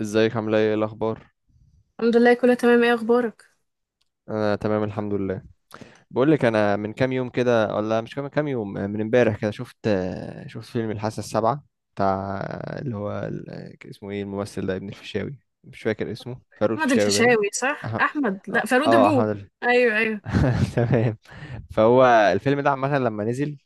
ازيك، عامله ايه؟ ايه الاخبار؟ الحمد لله، كله تمام. ايه اخبارك؟ انا تمام الحمد لله. بقول لك، انا من كام يوم كده، ولا مش كام يوم من امبارح كده، شفت فيلم الحاسه السابعه بتاع اللي هو اسمه ايه الممثل ده، ابن الفيشاوي، مش فاكر اسمه، فاروق احمد الفيشاوي باين. الفيشاوي، صح؟ أح- احمد، اه، لا، فاروق احمد ابوه. ايوه ايوه، تمام. فهو الفيلم ده عامه لما نزل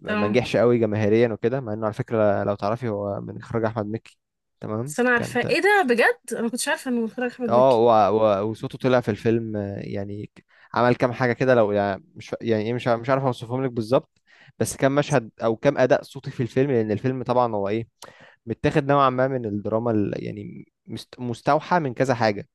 ما تمام. نجحش قوي جماهيريا وكده، مع انه على فكره لو تعرفي هو من اخراج احمد مكي. تمام بس انا كان، عارفه ايه ده. بجد انا ما كنتش عارفه انه متخرج احمد اه، مكي. وصوته طلع في الفيلم، يعني عمل كام حاجه كده، لو يعني مش يعني ايه، مش عارف اوصفهم لك بالظبط، بس كام مشهد او كام اداء صوتي في الفيلم، لان الفيلم طبعا هو ايه، متاخد نوعا ما من الدراما يعني مستوحى من كذا حاجه.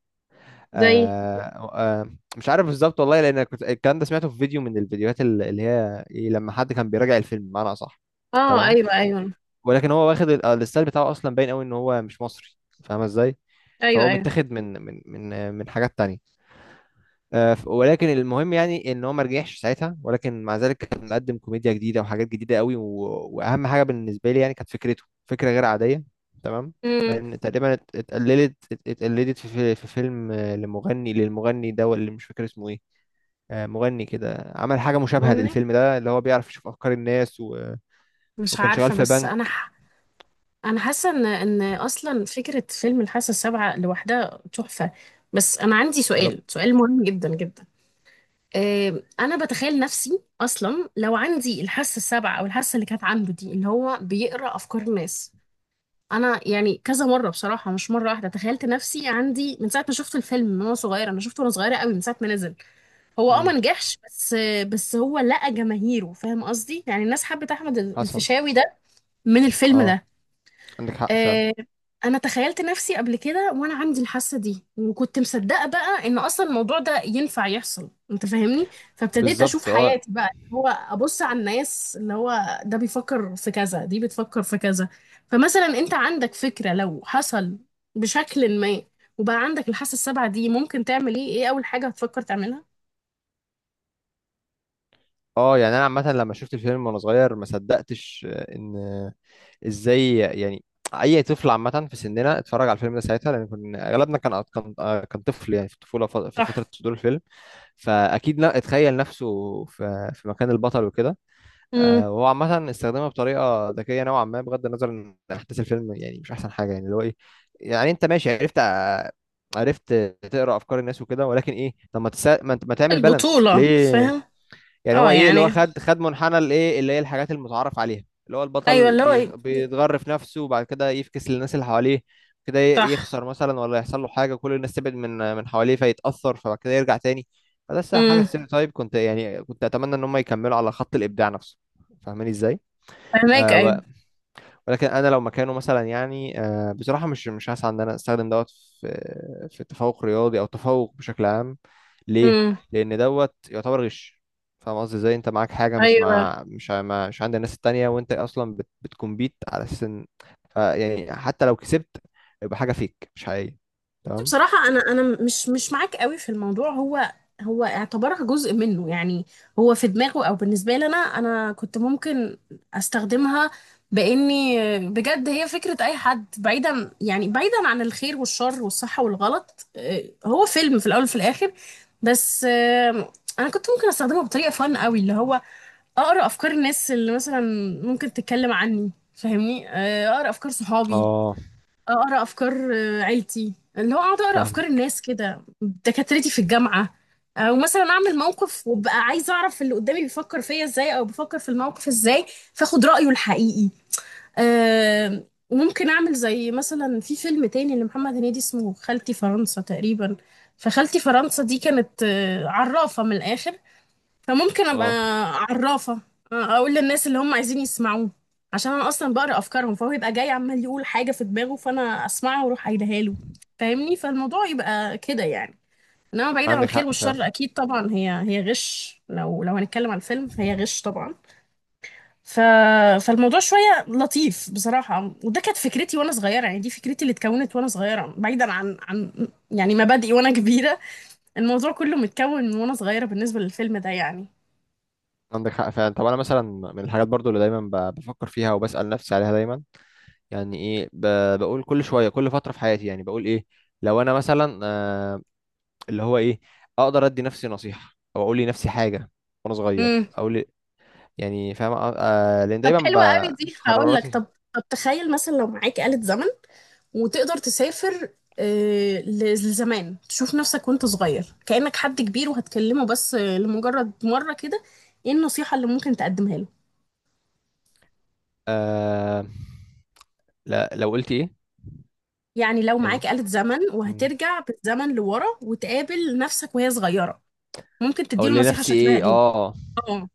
زي. آه آه مش عارف بالظبط والله، لان كنت الكلام ده سمعته في فيديو من الفيديوهات اللي هي إيه، لما حد كان بيراجع الفيلم بمعنى اصح. اه، تمام، ايوه ايوه ولكن هو واخد الستايل بتاعه اصلا باين قوي ان هو مش مصري، فاهمه ازاي؟ ايوه فهو ايوه. متاخد من من حاجات تانية. ولكن المهم، يعني ان هو ما رجعش ساعتها، ولكن مع ذلك كان مقدم كوميديا جديده وحاجات جديده قوي، و... واهم حاجه بالنسبه لي، يعني كانت فكرته، فكره غير عاديه، تمام. امم. من تقريبا اتقلدت في فيلم، للمغني ده اللي مش فاكر اسمه ايه. مغني كده عمل حاجه مشابهه مغني. للفيلم ده، اللي هو بيعرف يشوف افكار الناس، و... مش وكان شغال عارفه، في بس بنك. انا حاسه ان اصلا فكره فيلم الحاسه السابعه لوحدها تحفه. بس انا عندي سؤال، بالظبط. سؤال مهم جدا جدا. انا بتخيل نفسي اصلا لو عندي الحاسه السابعه، او الحاسه اللي كانت عنده دي، اللي هو بيقرا افكار الناس. انا يعني كذا مره بصراحه، مش مره واحده، تخيلت نفسي عندي من ساعه ما شفت الفيلم، من وانا صغيره. انا شفته وانا صغيره قوي، من ساعه ما نزل. هو ما امم، نجحش، بس هو لقى جماهيره. فاهم قصدي؟ يعني الناس حبت احمد حصل. الفيشاوي ده من الفيلم اه، ده. عندك حق فعلا. آه، انا تخيلت نفسي قبل كده وانا عندي الحاسه دي، وكنت مصدقه بقى ان اصلا الموضوع ده ينفع يحصل. انت فاهمني؟ فابتديت اشوف بالظبط. اه، حياتي بقى، اللي هو ابص على الناس، اللي هو ده بيفكر في كذا، دي بتفكر في كذا. فمثلا انت عندك فكره، لو حصل بشكل ما وبقى عندك الحاسه السابعه دي، ممكن تعمل ايه؟ ايه اول حاجه هتفكر تعملها؟ اه، يعني انا عامه لما شفت الفيلم وانا صغير ما صدقتش، ان ازاي يعني اي طفل عامه في سننا اتفرج على الفيلم ده ساعتها، لان كنا اغلبنا كان طفل، يعني في الطفوله، في فتره صح. صدور الفيلم، فاكيد لا اتخيل نفسه في مكان البطل وكده. امم. وهو عامه استخدمها بطريقه ذكيه نوعا ما، بغض النظر ان احداث الفيلم يعني مش احسن حاجه، يعني اللي هو ايه، يعني انت ماشي، عرفت تقرا افكار الناس وكده، ولكن ايه؟ طب ما تسا... ما انت- ما تعمل بالانس البطوله، ليه؟ فاهم؟ يعني هو اه، ايه اللي هو، يعني. خد منحنى الايه اللي هي الحاجات المتعارف عليها، اللي هو ايوه، البطل اللي هو. بيتغرف نفسه وبعد كده يفكس للناس اللي حواليه، كده صح. يخسر مثلا، ولا يحصل له حاجه، كل الناس تبعد من حواليه فيتاثر، فبعد كده يرجع تاني. فده الصراحة حاجه امم. ستيريوتايب، كنت يعني كنت اتمنى ان هم يكملوا على خط الابداع نفسه، فاهماني ازاي؟ فهماك. ايوه. آه ولكن انا لو مكانه مثلا، يعني بصراحه مش هسعى ان انا استخدم دوت في في التفوق رياضي او التفوق بشكل عام. ليه؟ امم. لان دوت يعتبر غش. فاهم قصدي ازاي؟ انت معاك حاجه مش ايوه، مع مش ع- ما- مش عند الناس التانية، وانت اصلا بتكمبيت على اساس ان، يعني حتى لو كسبت يبقى حاجه فيك مش حقيقيه، تمام. بصراحة أنا مش معاك قوي في الموضوع. هو اعتبرها جزء منه يعني. هو في دماغه. أو بالنسبة لي، أنا كنت ممكن أستخدمها بإني... بجد هي فكرة أي حد. بعيدا يعني بعيدا عن الخير والشر والصح والغلط، هو فيلم في الأول وفي الآخر. بس أنا كنت ممكن أستخدمه بطريقة فن قوي، اللي هو أقرأ أفكار الناس اللي مثلا ممكن تتكلم عني. فاهمني؟ أقرأ أفكار صحابي، اه، اقرا افكار عيلتي، اللي هو اقعد اقرا فاهم. افكار الناس كده، دكاترتي في الجامعه. او مثلا اعمل موقف وابقى عايزه اعرف اللي قدامي بيفكر فيا ازاي، او بيفكر في الموقف ازاي، فاخد رايه الحقيقي. آه، ممكن اعمل زي مثلا في فيلم تاني لمحمد هنيدي، اسمه خالتي فرنسا تقريبا. فخالتي فرنسا دي كانت عرافه من الاخر. فممكن ابقى اه، عرافة، اقول للناس اللي هم عايزين يسمعوه، عشان انا اصلا بقرا افكارهم. فهو يبقى جاي عمال يقول حاجة في دماغه، فانا اسمعها واروح قايلها له. فاهمني؟ فالموضوع يبقى كده يعني. انما ما بعيدا عن عندك الخير حق، فاهم. والشر، اكيد طبعا هي غش. لو هنتكلم عن الفيلم فهي غش طبعا. ف... فالموضوع شوية لطيف بصراحة. وده كانت فكرتي وانا صغيرة، يعني دي فكرتي اللي اتكونت وانا صغيرة، بعيدا عن يعني مبادئي وانا كبيرة. الموضوع كله متكون من وانا صغيرة بالنسبة للفيلم ده يعني. عندك حق فعلا. طب انا مثلا من الحاجات برضو اللي دايما بفكر فيها وبسأل نفسي عليها دايما، يعني ايه بقول كل شويه، كل فتره في حياتي، يعني بقول ايه لو انا مثلا اللي هو ايه اقدر ادي نفسي نصيحه او اقول لنفسي حاجه وانا صغير او يعني فاهم لان طب دايما حلوة قوي دي، هقول لك. قراراتي. طب، طب تخيل مثلا لو معاك آلة زمن وتقدر تسافر، لزمان، تشوف نفسك وانت صغير كأنك حد كبير وهتكلمه، بس لمجرد مرة كده. ايه النصيحة اللي ممكن تقدمها له؟ آه لا، لو قلت ايه يعني لو معاك يعني، آلة زمن مم. وهترجع بالزمن لورا وتقابل نفسك وهي صغيرة، ممكن تديله اقول نصيحة لنفسي شكلها ايه؟ ايه. اه، اه.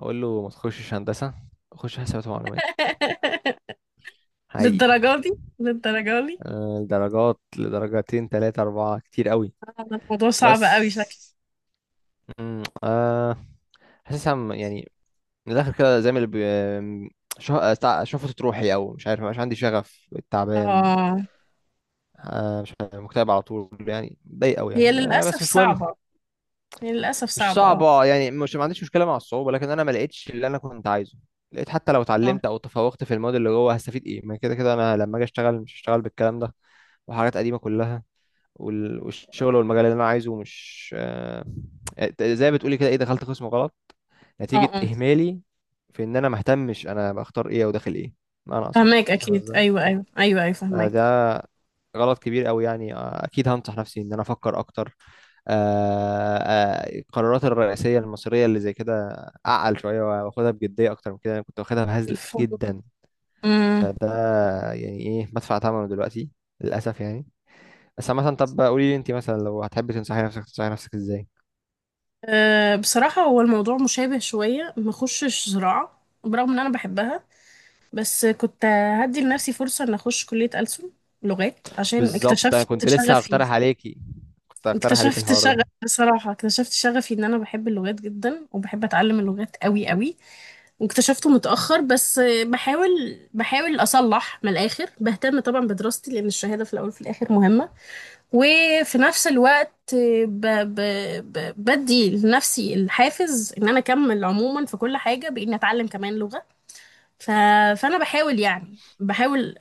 اقول له ما تخشش هندسه، خش حسابات ومعلومات، حقيقي. للدرجة دي؟ للدرجة دي؟ آه، درجات، لدرجتين تلاتة أربعة كتير قوي. هذا الموضوع صعب بس قوي شكله. مم، آه حاسسها يعني من الاخر كده زي ما اللي بي... شفت روحي، او مش عارف، مش عندي شغف، تعبان، اه، مش عارف، مكتئب على طول، يعني ضايق قوي، هي يعني للأسف بس مش مهم. صعبة. هي للأسف مش صعبة، اه. صعبه، يعني مش ما عنديش مشكله مع الصعوبه، لكن انا ما لقيتش اللي انا كنت عايزه. لقيت حتى لو آه. اتعلمت او تفوقت في الماضي، اللي جوه هستفيد ايه؟ ما كده كده انا لما اجي اشتغل مش هشتغل بالكلام ده وحاجات قديمه كلها. والشغل والمجال اللي انا عايزه مش، زي ما بتقولي كده، ايه، دخلت قسم غلط اه نتيجة اه، إهمالي في إن أنا مهتمش أنا بختار إيه أو داخل إيه، بمعنى أصح، فهماك فاهم اكيد. إزاي؟ ايوه ايوه ايوه ايوه، فهماك. ده غلط كبير أوي، يعني أكيد هنصح نفسي إن أنا أفكر أكتر، القرارات الرئيسية المصيرية اللي زي كده، أعقل شوية وآخدها بجدية أكتر من كده، أنا كنت واخدها بهزل الفول. جدا. امم. فده يعني إيه بدفع ثمنه دلوقتي، للأسف يعني. بس مثلا طب قولي لي، أنت مثلا لو هتحبي تنصحي نفسك إزاي؟ أه، بصراحه هو الموضوع مشابه شويه. ما اخشش زراعه برغم ان انا بحبها. بس كنت هدي لنفسي فرصه ان اخش كليه ألسن، لغات، عشان بالظبط، أنا اكتشفت كنت لسه شغفي. هقترح عليكي، كنت هقترح عليكي اكتشفت الحوار شغف ده. بصراحه اكتشفت شغفي ان انا بحب اللغات جدا وبحب اتعلم اللغات قوي قوي. واكتشفته متاخر، بس بحاول. بحاول اصلح من الاخر. بهتم طبعا بدراستي لان الشهاده في الاول وفي الاخر مهمه. وفي نفس الوقت ب... ب... بدي لنفسي الحافز ان انا اكمل عموما في كل حاجة باني اتعلم كمان لغة. ف... فانا بحاول، يعني بحاول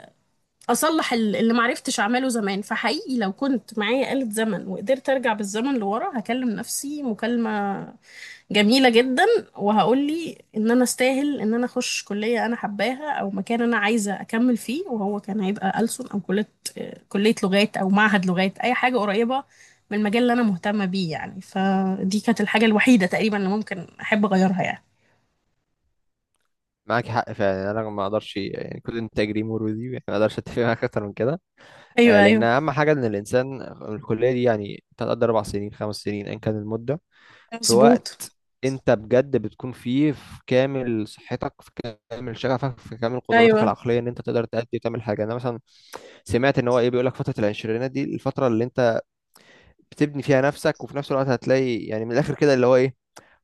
اصلح اللي معرفتش اعمله زمان. فحقيقي لو كنت معايا آلة زمن وقدرت ارجع بالزمن لورا، هكلم نفسي مكالمة جميلة جدا. وهقول لي ان انا استاهل ان انا اخش كلية انا حباها، او مكان انا عايزة اكمل فيه. وهو كان هيبقى ألسن، او كلية لغات، او معهد لغات، اي حاجة قريبة من المجال اللي انا مهتمة بيه يعني. فدي كانت الحاجة الوحيدة تقريبا اللي ممكن احب اغيرها يعني. معاك حق فعلا، يعني انا ما اقدرش يعني كل انتاج ليه مرودي، يعني ما اقدرش اتفق معاك اكتر من كده. ايوه لان ايوه. اهم حاجه ان الانسان الكليه دي يعني تقدر 4 سنين 5 سنين ان كان المده، في مظبوط. وقت انت بجد بتكون فيه في كامل صحتك، في كامل شغفك، في كامل قدراتك ايوه. العقليه، ان انت تقدر تأدي وتعمل حاجه. انا مثلا سمعت ان هو ايه، بيقول لك فتره العشرينات دي الفتره اللي انت بتبني فيها نفسك، وفي نفس الوقت هتلاقي يعني من الاخر كده، اللي هو ايه،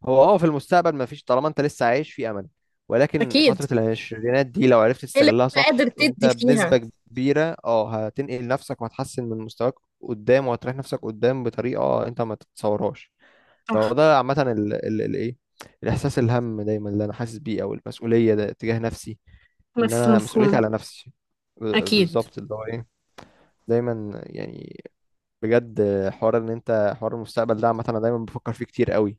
هو اه في المستقبل ما فيش طالما انت لسه عايش في امل، ولكن اكيد. فترة العشرينات دي لو عرفت إيه اللي تستغلها انت صح قادر انت تدي فيها؟ بنسبة كبيرة اه هتنقل نفسك وهتحسن من مستواك قدام، وهتريح نفسك قدام بطريقة انت ما تتصورهاش. فهو صح. ده عامة ايه الاحساس، الهم دايما اللي انا حاسس بيه او المسؤولية ده تجاه نفسي، ان انا مسؤوليتي مفهوم. على نفسي، اكيد. بالظبط اللي هو ايه، دايما يعني، بجد. حوار ان انت، حوار المستقبل ده عامه انا دايما بفكر فيه كتير قوي،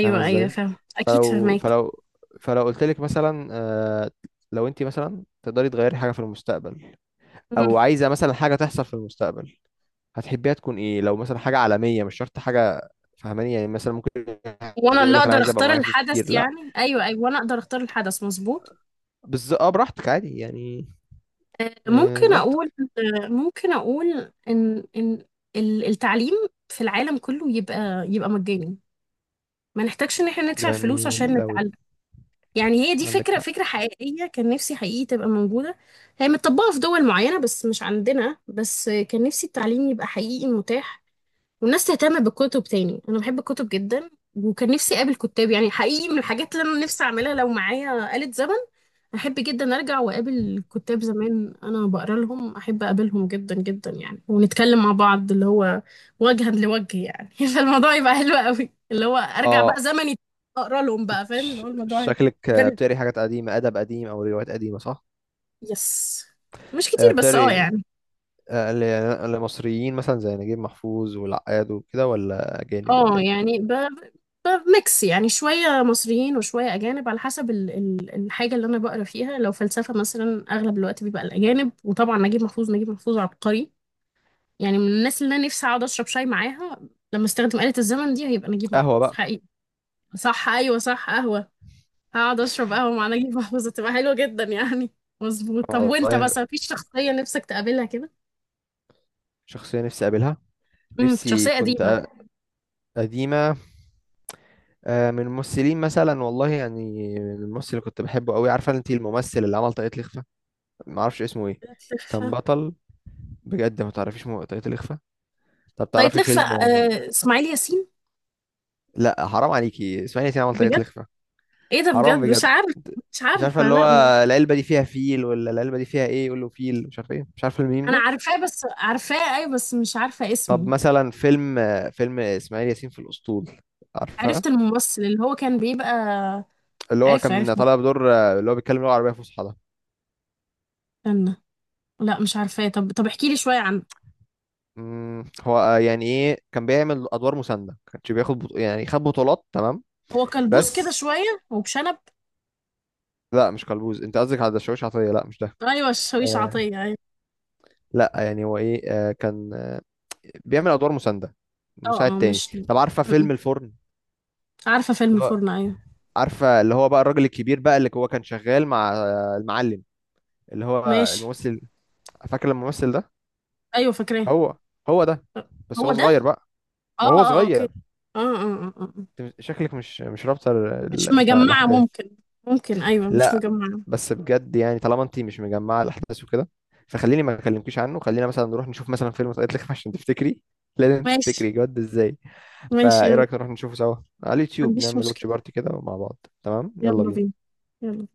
فاهمه ايوه، ازاي؟ فاهم. اكيد فلو فاهمك. فلو فلو قلت لك مثلا، لو انت مثلا تقدري تغيري حاجه في المستقبل او عايزه مثلا حاجه تحصل في المستقبل هتحبيها تكون ايه؟ لو مثلا حاجه عالميه مش شرط حاجه، فاهماني يعني؟ مثلا ممكن حد وانا يقول اللي لك انا اقدر عايز ابقى اختار معايا فلوس الحدث كتير، لا، يعني؟ ايوه ايوه، وانا اقدر اختار الحدث. مظبوط. بس اه براحتك عادي يعني. آه، ممكن اقول براحتك. ممكن اقول ان التعليم في العالم كله يبقى مجاني. ما نحتاجش ان احنا ندفع فلوس جميل عشان قوي. نتعلم. يعني هي دي عندك فكرة، حق. فكرة حقيقية كان نفسي حقيقي تبقى موجودة. هي متطبقة في دول معينة بس مش عندنا، بس كان نفسي التعليم يبقى حقيقي متاح. والناس تهتم بالكتب تاني، انا بحب الكتب جدا. وكان نفسي اقابل كتاب يعني حقيقي. من الحاجات اللي انا نفسي اعملها لو معايا آلة زمن، احب جدا ارجع واقابل كتاب زمان انا بقرا لهم. احب اقابلهم جدا جدا يعني، ونتكلم مع بعض اللي هو وجها لوجه يعني. فالموضوع يبقى حلو قوي، اللي هو ارجع اه، بقى زمني، اقرا لهم بقى، انت فاهم؟ اللي هو الموضوع يبقى شكلك، غريب. بتقري حاجات قديمه، ادب قديم او روايات قديمه، صح؟ يس. مش كتير، بس اه بتاري، يعني. اللي مصريين مثلا زي نجيب محفوظ والعقاد وكده، ولا أجانب، ولا اه إيه؟ يعني بميكس يعني شوية مصريين وشوية أجانب، على حسب الحاجة اللي أنا بقرا فيها. لو فلسفة مثلا أغلب الوقت بيبقى الأجانب. وطبعا نجيب محفوظ، نجيب محفوظ عبقري يعني. من الناس اللي انا نفسي اقعد اشرب شاي معاها لما استخدم آلة الزمن دي، هيبقى نجيب قهوة محفوظ بقى. حقيقي. صح، ايوه، صح، قهوة. هقعد اشرب قهوة مع نجيب محفوظ، هتبقى حلوة جدا يعني. مظبوط. طب وانت والله، بس مفيش شخصية نفسك تقابلها كده؟ شخصية نفسي أقابلها. امم. نفسي شخصية قديمة. كنت قديمة، من الممثلين مثلا، والله يعني من الممثل اللي كنت بحبه قوي، عارفة أنت الممثل اللي عمل طاقية الإخفاء؟ معرفش اسمه إيه، كان لفة. بطل بجد، ما تعرفيش طاقية الإخفاء؟ طب طيب، تعرفي لفة. فيلم، اسماعيل ياسين؟ لا حرام عليكي اسمعي، انت عمل طاقية بجد؟ الإخفاء، ايه ده! حرام بجد مش بجد. عارف. مش مش عارفه عارفة. اللي هو لا م- العلبه دي فيها فيل، ولا العلبه دي فيها ايه، يقول له فيل مش عارف ايه، مش عارف الميم انا ده. عارفاه، بس عارفاه اي، بس مش عارفة طب اسمه. مثلا فيلم اسماعيل ياسين في الاسطول، عارفه عرفت الممثل اللي هو كان بيبقى. اللي هو عرفت عرفت. كان طالع بدور اللي هو بيتكلم لغه عربيه فصحى ده؟ استنى. لا مش عارفاه. طب، طب احكي لي شوية عنه. هو، يعني ايه كان بيعمل ادوار مسانده، كانش بياخد يعني خد بطولات، تمام. هو كلبوز كده بس شوية وبشنب. لا، مش كلبوز، انت قصدك على الشاويش عطيه، لا مش ده. أيوة الشاويش آه عطية، أيوة. لا، يعني هو ايه كان، بيعمل ادوار مسانده اه مساعد اه، تاني. مش م- طب عارفه م. فيلم الفرن؟ عارفة فيلم الفرن؟ أيوة. عارفه اللي هو بقى الراجل الكبير، بقى اللي هو كان شغال مع المعلم، اللي هو ماشي. الممثل، فاكر الممثل ده؟ أيوة فاكراه. هو هو ده، بس هو هو ده. صغير بقى، اه وهو اه، آه، اوكي. صغير. اه اه اه، آه. أه. أنت شكلك مش رابطه مش مجمعة الاحداث، ممكن. ممكن، أيوة، مش لا. مجمعة. بس بجد، يعني طالما انت مش مجمعه الاحداث وكده، فخليني ما اكلمكيش عنه، خلينا مثلا نروح نشوف مثلا فيلم سقط لك عشان تفتكري، لازم ماشي. تفتكري جد ازاي. ماشي، يلا، فايه ما رايك نروح نشوفه سوا على اليوتيوب، عنديش نعمل واتش مشكلة. بارتي كده مع بعض، تمام، يلا يلا بينا. بينا. يلا.